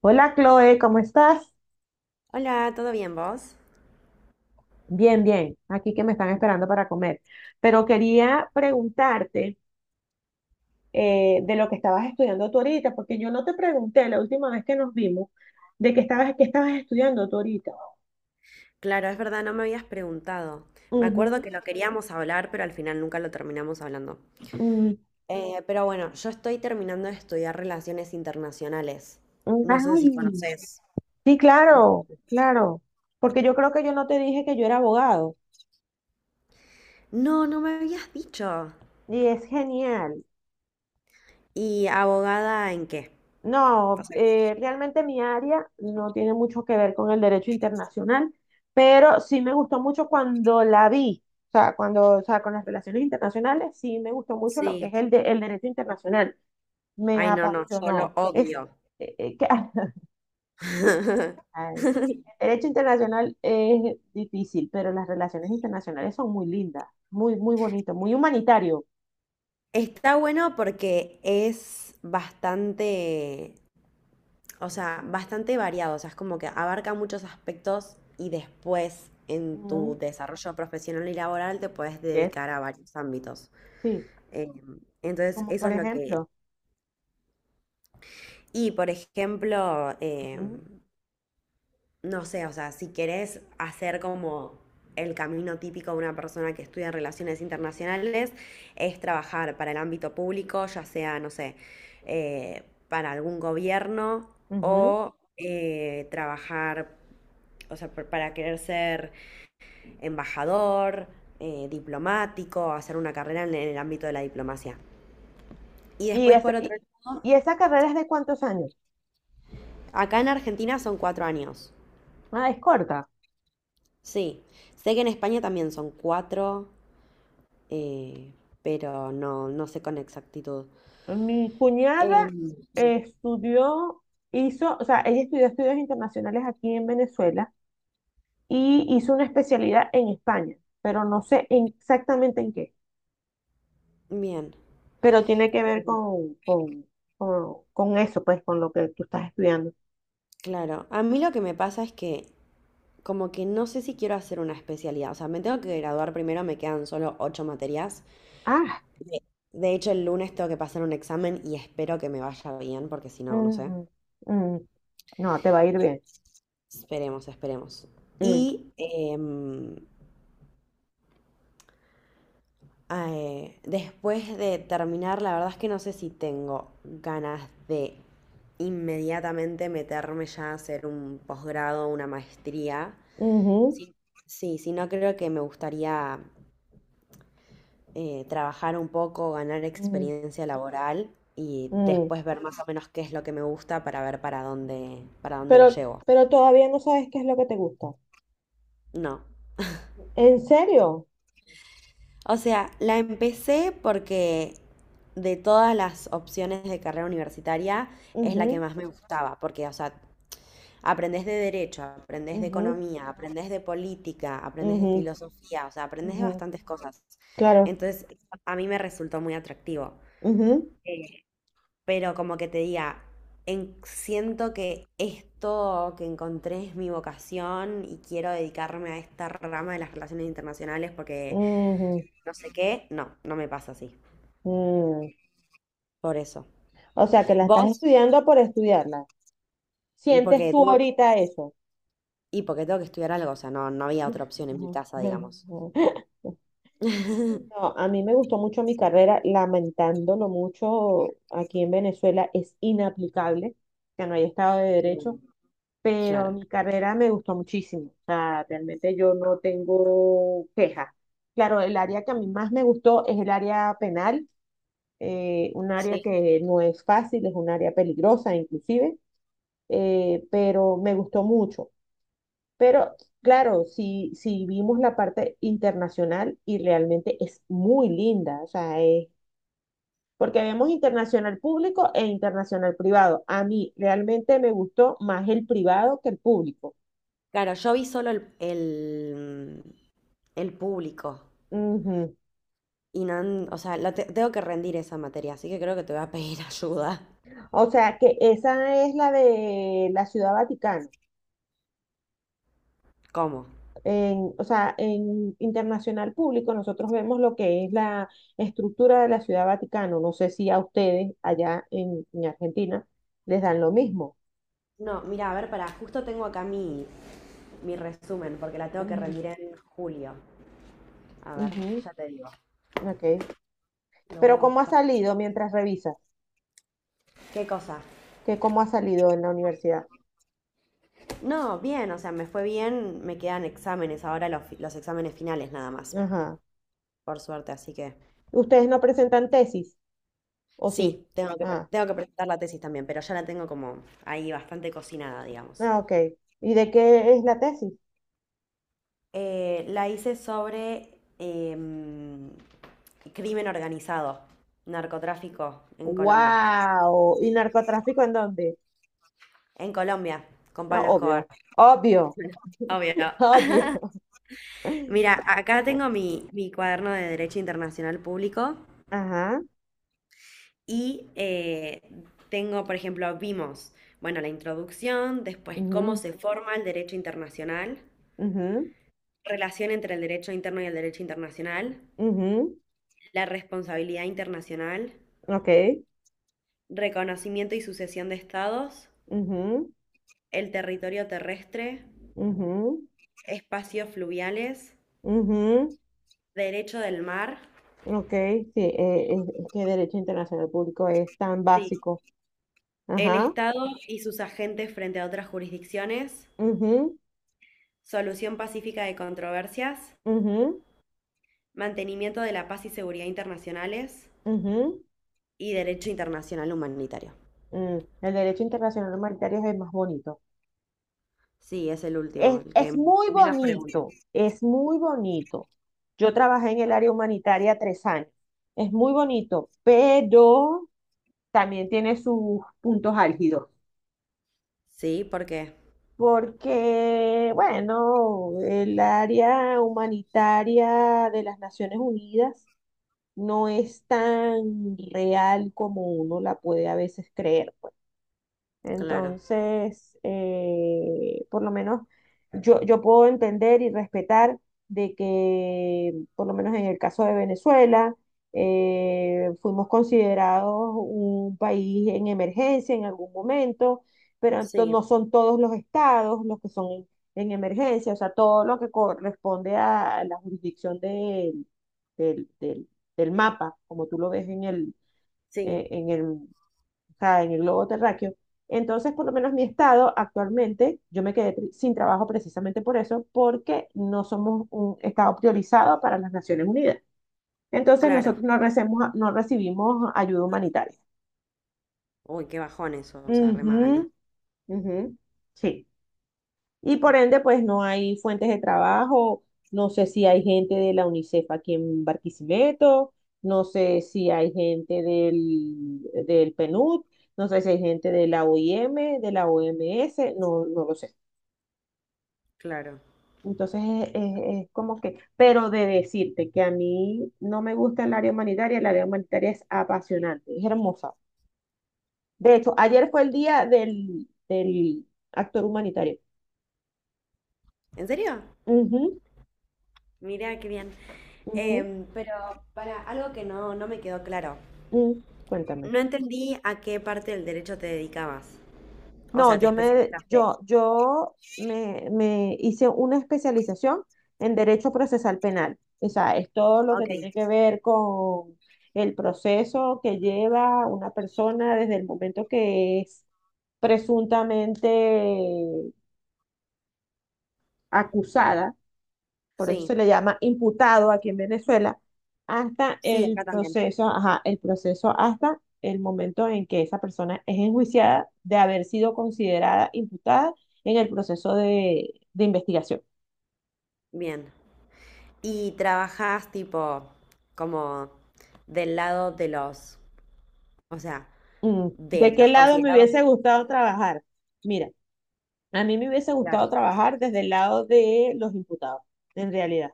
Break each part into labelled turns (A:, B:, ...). A: Hola Chloe, ¿cómo estás?
B: Hola, ¿todo bien vos?
A: Bien, bien. Aquí que me están esperando para comer. Pero quería preguntarte de lo que estabas estudiando tú ahorita, porque yo no te pregunté la última vez que nos vimos qué estabas estudiando tú ahorita.
B: Claro, es verdad, no me habías preguntado. Me acuerdo
A: Ujú.
B: que lo queríamos hablar, pero al final nunca lo terminamos hablando.
A: Mm,
B: Pero yo estoy terminando de estudiar relaciones internacionales.
A: mm,
B: No sé si
A: Ay,
B: conoces.
A: sí, claro, claro. Porque yo creo que yo no te dije que yo era abogado.
B: No, no me habías dicho.
A: Y es genial.
B: ¿Y abogada en qué?
A: No, realmente mi área no tiene mucho que ver con el derecho internacional, pero sí me gustó mucho cuando la vi, o sea, o sea, con las relaciones internacionales, sí me gustó mucho lo que es el derecho internacional. Me
B: Ay, no, no, yo lo
A: apasionó.
B: odio.
A: Eh, eh, que- Ay, el derecho internacional es difícil, pero las relaciones internacionales son muy lindas, muy, muy bonito, muy humanitario.
B: Está bueno porque es bastante variado, o sea, es como que abarca muchos aspectos y después en tu
A: Ujú,
B: desarrollo profesional y laboral te puedes
A: yes,
B: dedicar a varios ámbitos.
A: sí,
B: Eh, entonces,
A: como
B: eso
A: por
B: es lo que...
A: ejemplo.
B: Y, por ejemplo,
A: Ujú,
B: no sé, o sea, si querés hacer como el camino típico de una persona que estudia relaciones internacionales, es trabajar para el ámbito público, ya sea, no sé, eh, para algún gobierno
A: ujú.
B: o trabajar, o sea, para querer ser embajador, diplomático, hacer una carrera en el ámbito de la diplomacia. Y
A: Y,
B: después
A: es,
B: por otro,
A: y, y esa carrera es de cuántos años?
B: acá en Argentina son 4 años.
A: Ah, es corta.
B: Sí, sé que en España también son cuatro, eh, pero no, no sé con exactitud.
A: Mi cuñada
B: Em,
A: eh, estudió, o sea, ella estudió estudios internacionales aquí en Venezuela y hizo una especialidad en España, pero no sé exactamente en qué,
B: bien,
A: pero tiene que ver con eso, pues, con lo que tú estás estudiando.
B: claro. A mí lo que me pasa es que como que no sé si quiero hacer una especialidad. O sea, me tengo que graduar primero, me quedan solo ocho materias.
A: Ah,
B: De, de hecho, el lunes tengo que pasar un examen y espero que me vaya bien, porque si no, no sé.
A: ujú, mm, no, te va a ir bien.
B: Esperemos, esperemos.
A: Mm,
B: Y em, Después de terminar, la verdad es que no sé si tengo ganas de inmediatamente meterme ya a hacer un posgrado, una maestría.
A: ujú,
B: Sí. Sí, sí, no creo que me gustaría trabajar un poco, ganar
A: mm,
B: experiencia laboral y
A: mm.
B: después ver más o menos qué es lo que me gusta para ver para dónde lo
A: Pero,
B: llevo.
A: pero todavía no sabes qué es lo que te gusta.
B: No.
A: ¿En serio?
B: O sea, la empecé porque de todas las opciones de carrera universitaria es la que
A: Ujú,
B: más me gustaba, porque, o sea, aprendes de derecho, aprendes de
A: ujú,
B: economía, aprendes de política, aprendes de
A: ujú,
B: filosofía, o sea, aprendes de
A: ujú,
B: bastantes cosas.
A: claro.
B: Entonces, a mí me resultó muy atractivo.
A: Ujú,
B: Pero como que te diga, siento que esto que encontré es mi vocación y quiero dedicarme a esta rama de las relaciones internacionales porque
A: ujú,
B: no sé qué, no, no me pasa así.
A: mm.
B: Por eso.
A: O sea, que la estás
B: Vos,
A: estudiando por estudiarla. ¿Sientes
B: porque
A: tú
B: tengo,
A: ahorita eso?
B: y porque tengo que estudiar algo, o sea, no, no había otra opción en mi
A: Ujú.
B: casa, digamos.
A: No, a mí me gustó mucho mi carrera, lamentándolo mucho, aquí en Venezuela es inaplicable, que no hay Estado de Derecho, pero
B: Claro.
A: mi carrera me gustó muchísimo, o sea, realmente yo no tengo quejas. Claro, el área que a mí más me gustó es el área penal, un área que no es fácil, es un área peligrosa inclusive, pero me gustó mucho. Pero claro, si vimos la parte internacional y realmente es muy linda, o sea, porque vemos internacional público e internacional privado. A mí realmente me gustó más el privado que el público.
B: Claro, yo vi solo el público
A: Ujú.
B: y no, o sea, la tengo que rendir esa materia, así que creo que te voy a pedir ayuda.
A: O sea que esa es la de la Ciudad Vaticana.
B: ¿Cómo?
A: O sea, en internacional público nosotros vemos lo que es la estructura de la Ciudad Vaticano. No sé si a ustedes allá en Argentina les dan lo mismo.
B: No, mira, a ver, para, justo tengo acá mi resumen, porque la tengo que
A: Ujú,
B: rendir en julio. A ver, ya te digo,
A: ujú, ok.
B: lo voy
A: Pero
B: a
A: ¿cómo ha
B: buscar.
A: salido mientras revisas?
B: ¿Qué cosa?
A: ¿Que cómo ha salido en la universidad?
B: No, bien, o sea, me fue bien, me quedan exámenes, ahora los, los exámenes finales nada más,
A: Ajá.
B: por suerte, así que
A: ¿Ustedes no presentan tesis? ¿O
B: sí,
A: sí?
B: tengo que,
A: Ah,
B: tengo que presentar la tesis también, pero ya la tengo como ahí bastante cocinada, digamos.
A: ah, ok. ¿Y de qué es la tesis?
B: La hice sobre em, crimen organizado, narcotráfico en Colombia.
A: ¡Wow! ¿Y narcotráfico en dónde?
B: En Colombia, con
A: Ah,
B: Pablo Escobar.
A: obvio, obvio,
B: Obvio.
A: obvio.
B: Mira, acá tengo mi cuaderno de Derecho Internacional Público
A: Ajá.
B: y tengo, por ejemplo, vimos, bueno, la introducción, después cómo
A: Ujú,
B: se forma el derecho internacional,
A: ujú,
B: relación entre el derecho interno y el derecho internacional,
A: ujú,
B: la responsabilidad internacional,
A: okay,
B: reconocimiento y sucesión de estados,
A: ujú,
B: el territorio terrestre,
A: ujú,
B: espacios fluviales,
A: ujú,
B: derecho del mar,
A: okay, sí, es que derecho internacional público es tan
B: sí,
A: básico.
B: el
A: Ajá,
B: Estado y sus agentes frente a otras jurisdicciones,
A: ujú,
B: solución pacífica de controversias,
A: ujú,
B: mantenimiento de la paz y seguridad internacionales
A: ujú,
B: y derecho internacional humanitario.
A: mm. El derecho internacional humanitario es el más bonito.
B: Sí, es el último,
A: Es,
B: el que
A: es muy
B: menos preguntas.
A: bonito, es muy bonito. Yo trabajé en el área humanitaria 3 años. Es muy bonito, pero también tiene sus puntos álgidos.
B: Sí, ¿por qué?
A: Porque, bueno, el área humanitaria de las Naciones Unidas no es tan real como uno la puede a veces creer.
B: Claro.
A: Entonces, por lo menos yo puedo entender y respetar de que, por lo menos en el caso de Venezuela, fuimos considerados un país en emergencia en algún momento, pero
B: Sí,
A: no son todos los estados los que son en emergencia, o sea, todo lo que corresponde a la jurisdicción del, del- del mapa, como tú lo ves
B: sí,
A: en el o sea, en el globo terráqueo. Entonces, por lo menos mi estado actualmente, yo me quedé sin trabajo precisamente por eso, porque no somos un estado priorizado para las Naciones Unidas. Entonces,
B: claro.
A: nosotros no recibimos ayuda humanitaria.
B: Uy, qué bajón eso, o sea, re mal.
A: Ujú, ujú, sí. Y por ende, pues no hay fuentes de trabajo, no sé si hay gente de la UNICEF aquí en Barquisimeto, no sé si hay gente del PNUD, no sé si hay gente de la OIM, de la OMS, no lo sé.
B: Claro.
A: Entonces es como que, pero de decirte que a mí no me gusta el área humanitaria es apasionante, es hermosa. De hecho, ayer fue el día del actor humanitario.
B: ¿En serio?
A: Ujú,
B: Mira, qué bien.
A: ujú,
B: Pero para algo que no, no me quedó claro.
A: mm, cuéntame.
B: No entendí a qué parte del derecho te dedicabas. O
A: No,
B: sea, te
A: yo me,
B: especializaste.
A: yo, yo me, me hice una especialización en Derecho Procesal Penal. O sea, es todo lo que
B: Ok.
A: tiene que ver con el proceso que lleva una persona desde el momento que es presuntamente acusada, por eso
B: Sí,
A: se le llama imputado aquí en Venezuela, hasta
B: sí,
A: el
B: acá también.
A: proceso, ajá, el proceso hasta el momento en que esa persona es enjuiciada de haber sido considerada imputada en el proceso de investigación.
B: Bien. Y trabajas tipo como del lado de los, o sea,
A: Mm,
B: de
A: ¿de qué
B: los
A: lado me
B: considerados.
A: hubiese gustado trabajar? Mira, a mí me hubiese
B: Claro,
A: gustado trabajar desde el lado de los imputados, en realidad.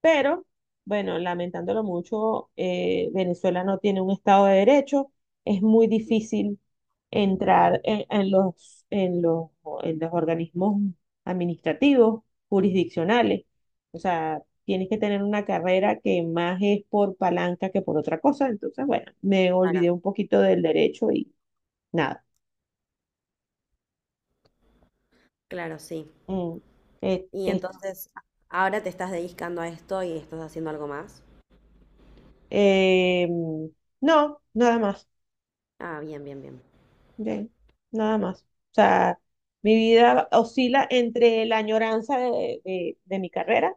A: Pero, bueno, lamentándolo mucho, Venezuela no tiene un Estado de Derecho. Es muy difícil entrar en los organismos administrativos, jurisdiccionales. O sea, tienes que tener una carrera que más es por palanca que por otra cosa. Entonces, bueno, me
B: claro,
A: olvidé un poquito del derecho y nada.
B: claro, sí.
A: Mm, eh,
B: Y
A: est-
B: entonces, ahora te estás dedicando a esto y estás haciendo algo más.
A: eh, mm, no, nada más.
B: Ah, bien, bien, bien.
A: Bien, nada más. O sea, mi vida oscila entre la añoranza de mi carrera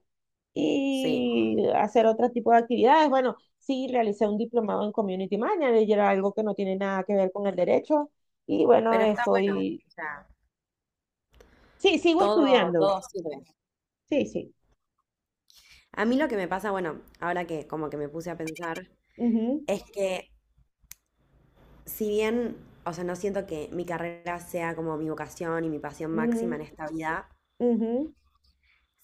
B: Sí.
A: y hacer otro tipo de actividades. Bueno, sí, realicé un diplomado en Community Manager, algo que no tiene nada que ver con el derecho. Y bueno,
B: Pero está bueno.
A: sí, sigo
B: Todo,
A: estudiando.
B: todo sirve.
A: Sí, sí.
B: A mí lo que me pasa, bueno, ahora que como que me puse a pensar, es que si bien, o sea, no siento que mi carrera sea como mi vocación y mi pasión
A: Ujú,
B: máxima en
A: ujú,
B: esta vida,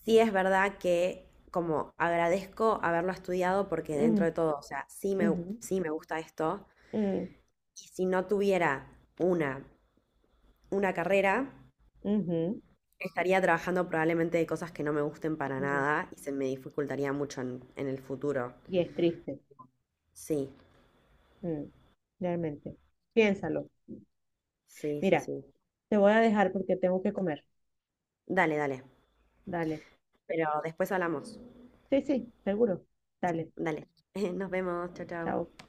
B: sí es verdad que como agradezco haberlo estudiado porque
A: ujú,
B: dentro
A: ujú,
B: de todo, o sea, sí me gusta esto.
A: ujú,
B: Y si no tuviera una, una carrera,
A: ujú, ujú,
B: estaría trabajando probablemente de cosas que no me gusten para
A: ujú.
B: nada y se me dificultaría mucho en el futuro.
A: Y es triste,
B: Sí,
A: mm, realmente. Piénsalo.
B: sí, sí,
A: Mira,
B: sí.
A: te voy a dejar porque tengo que comer.
B: Dale, dale.
A: Dale.
B: Pero después hablamos.
A: Sí, sí, seguro. Dale.
B: Dale. Nos vemos. Chao, chao.
A: Chao.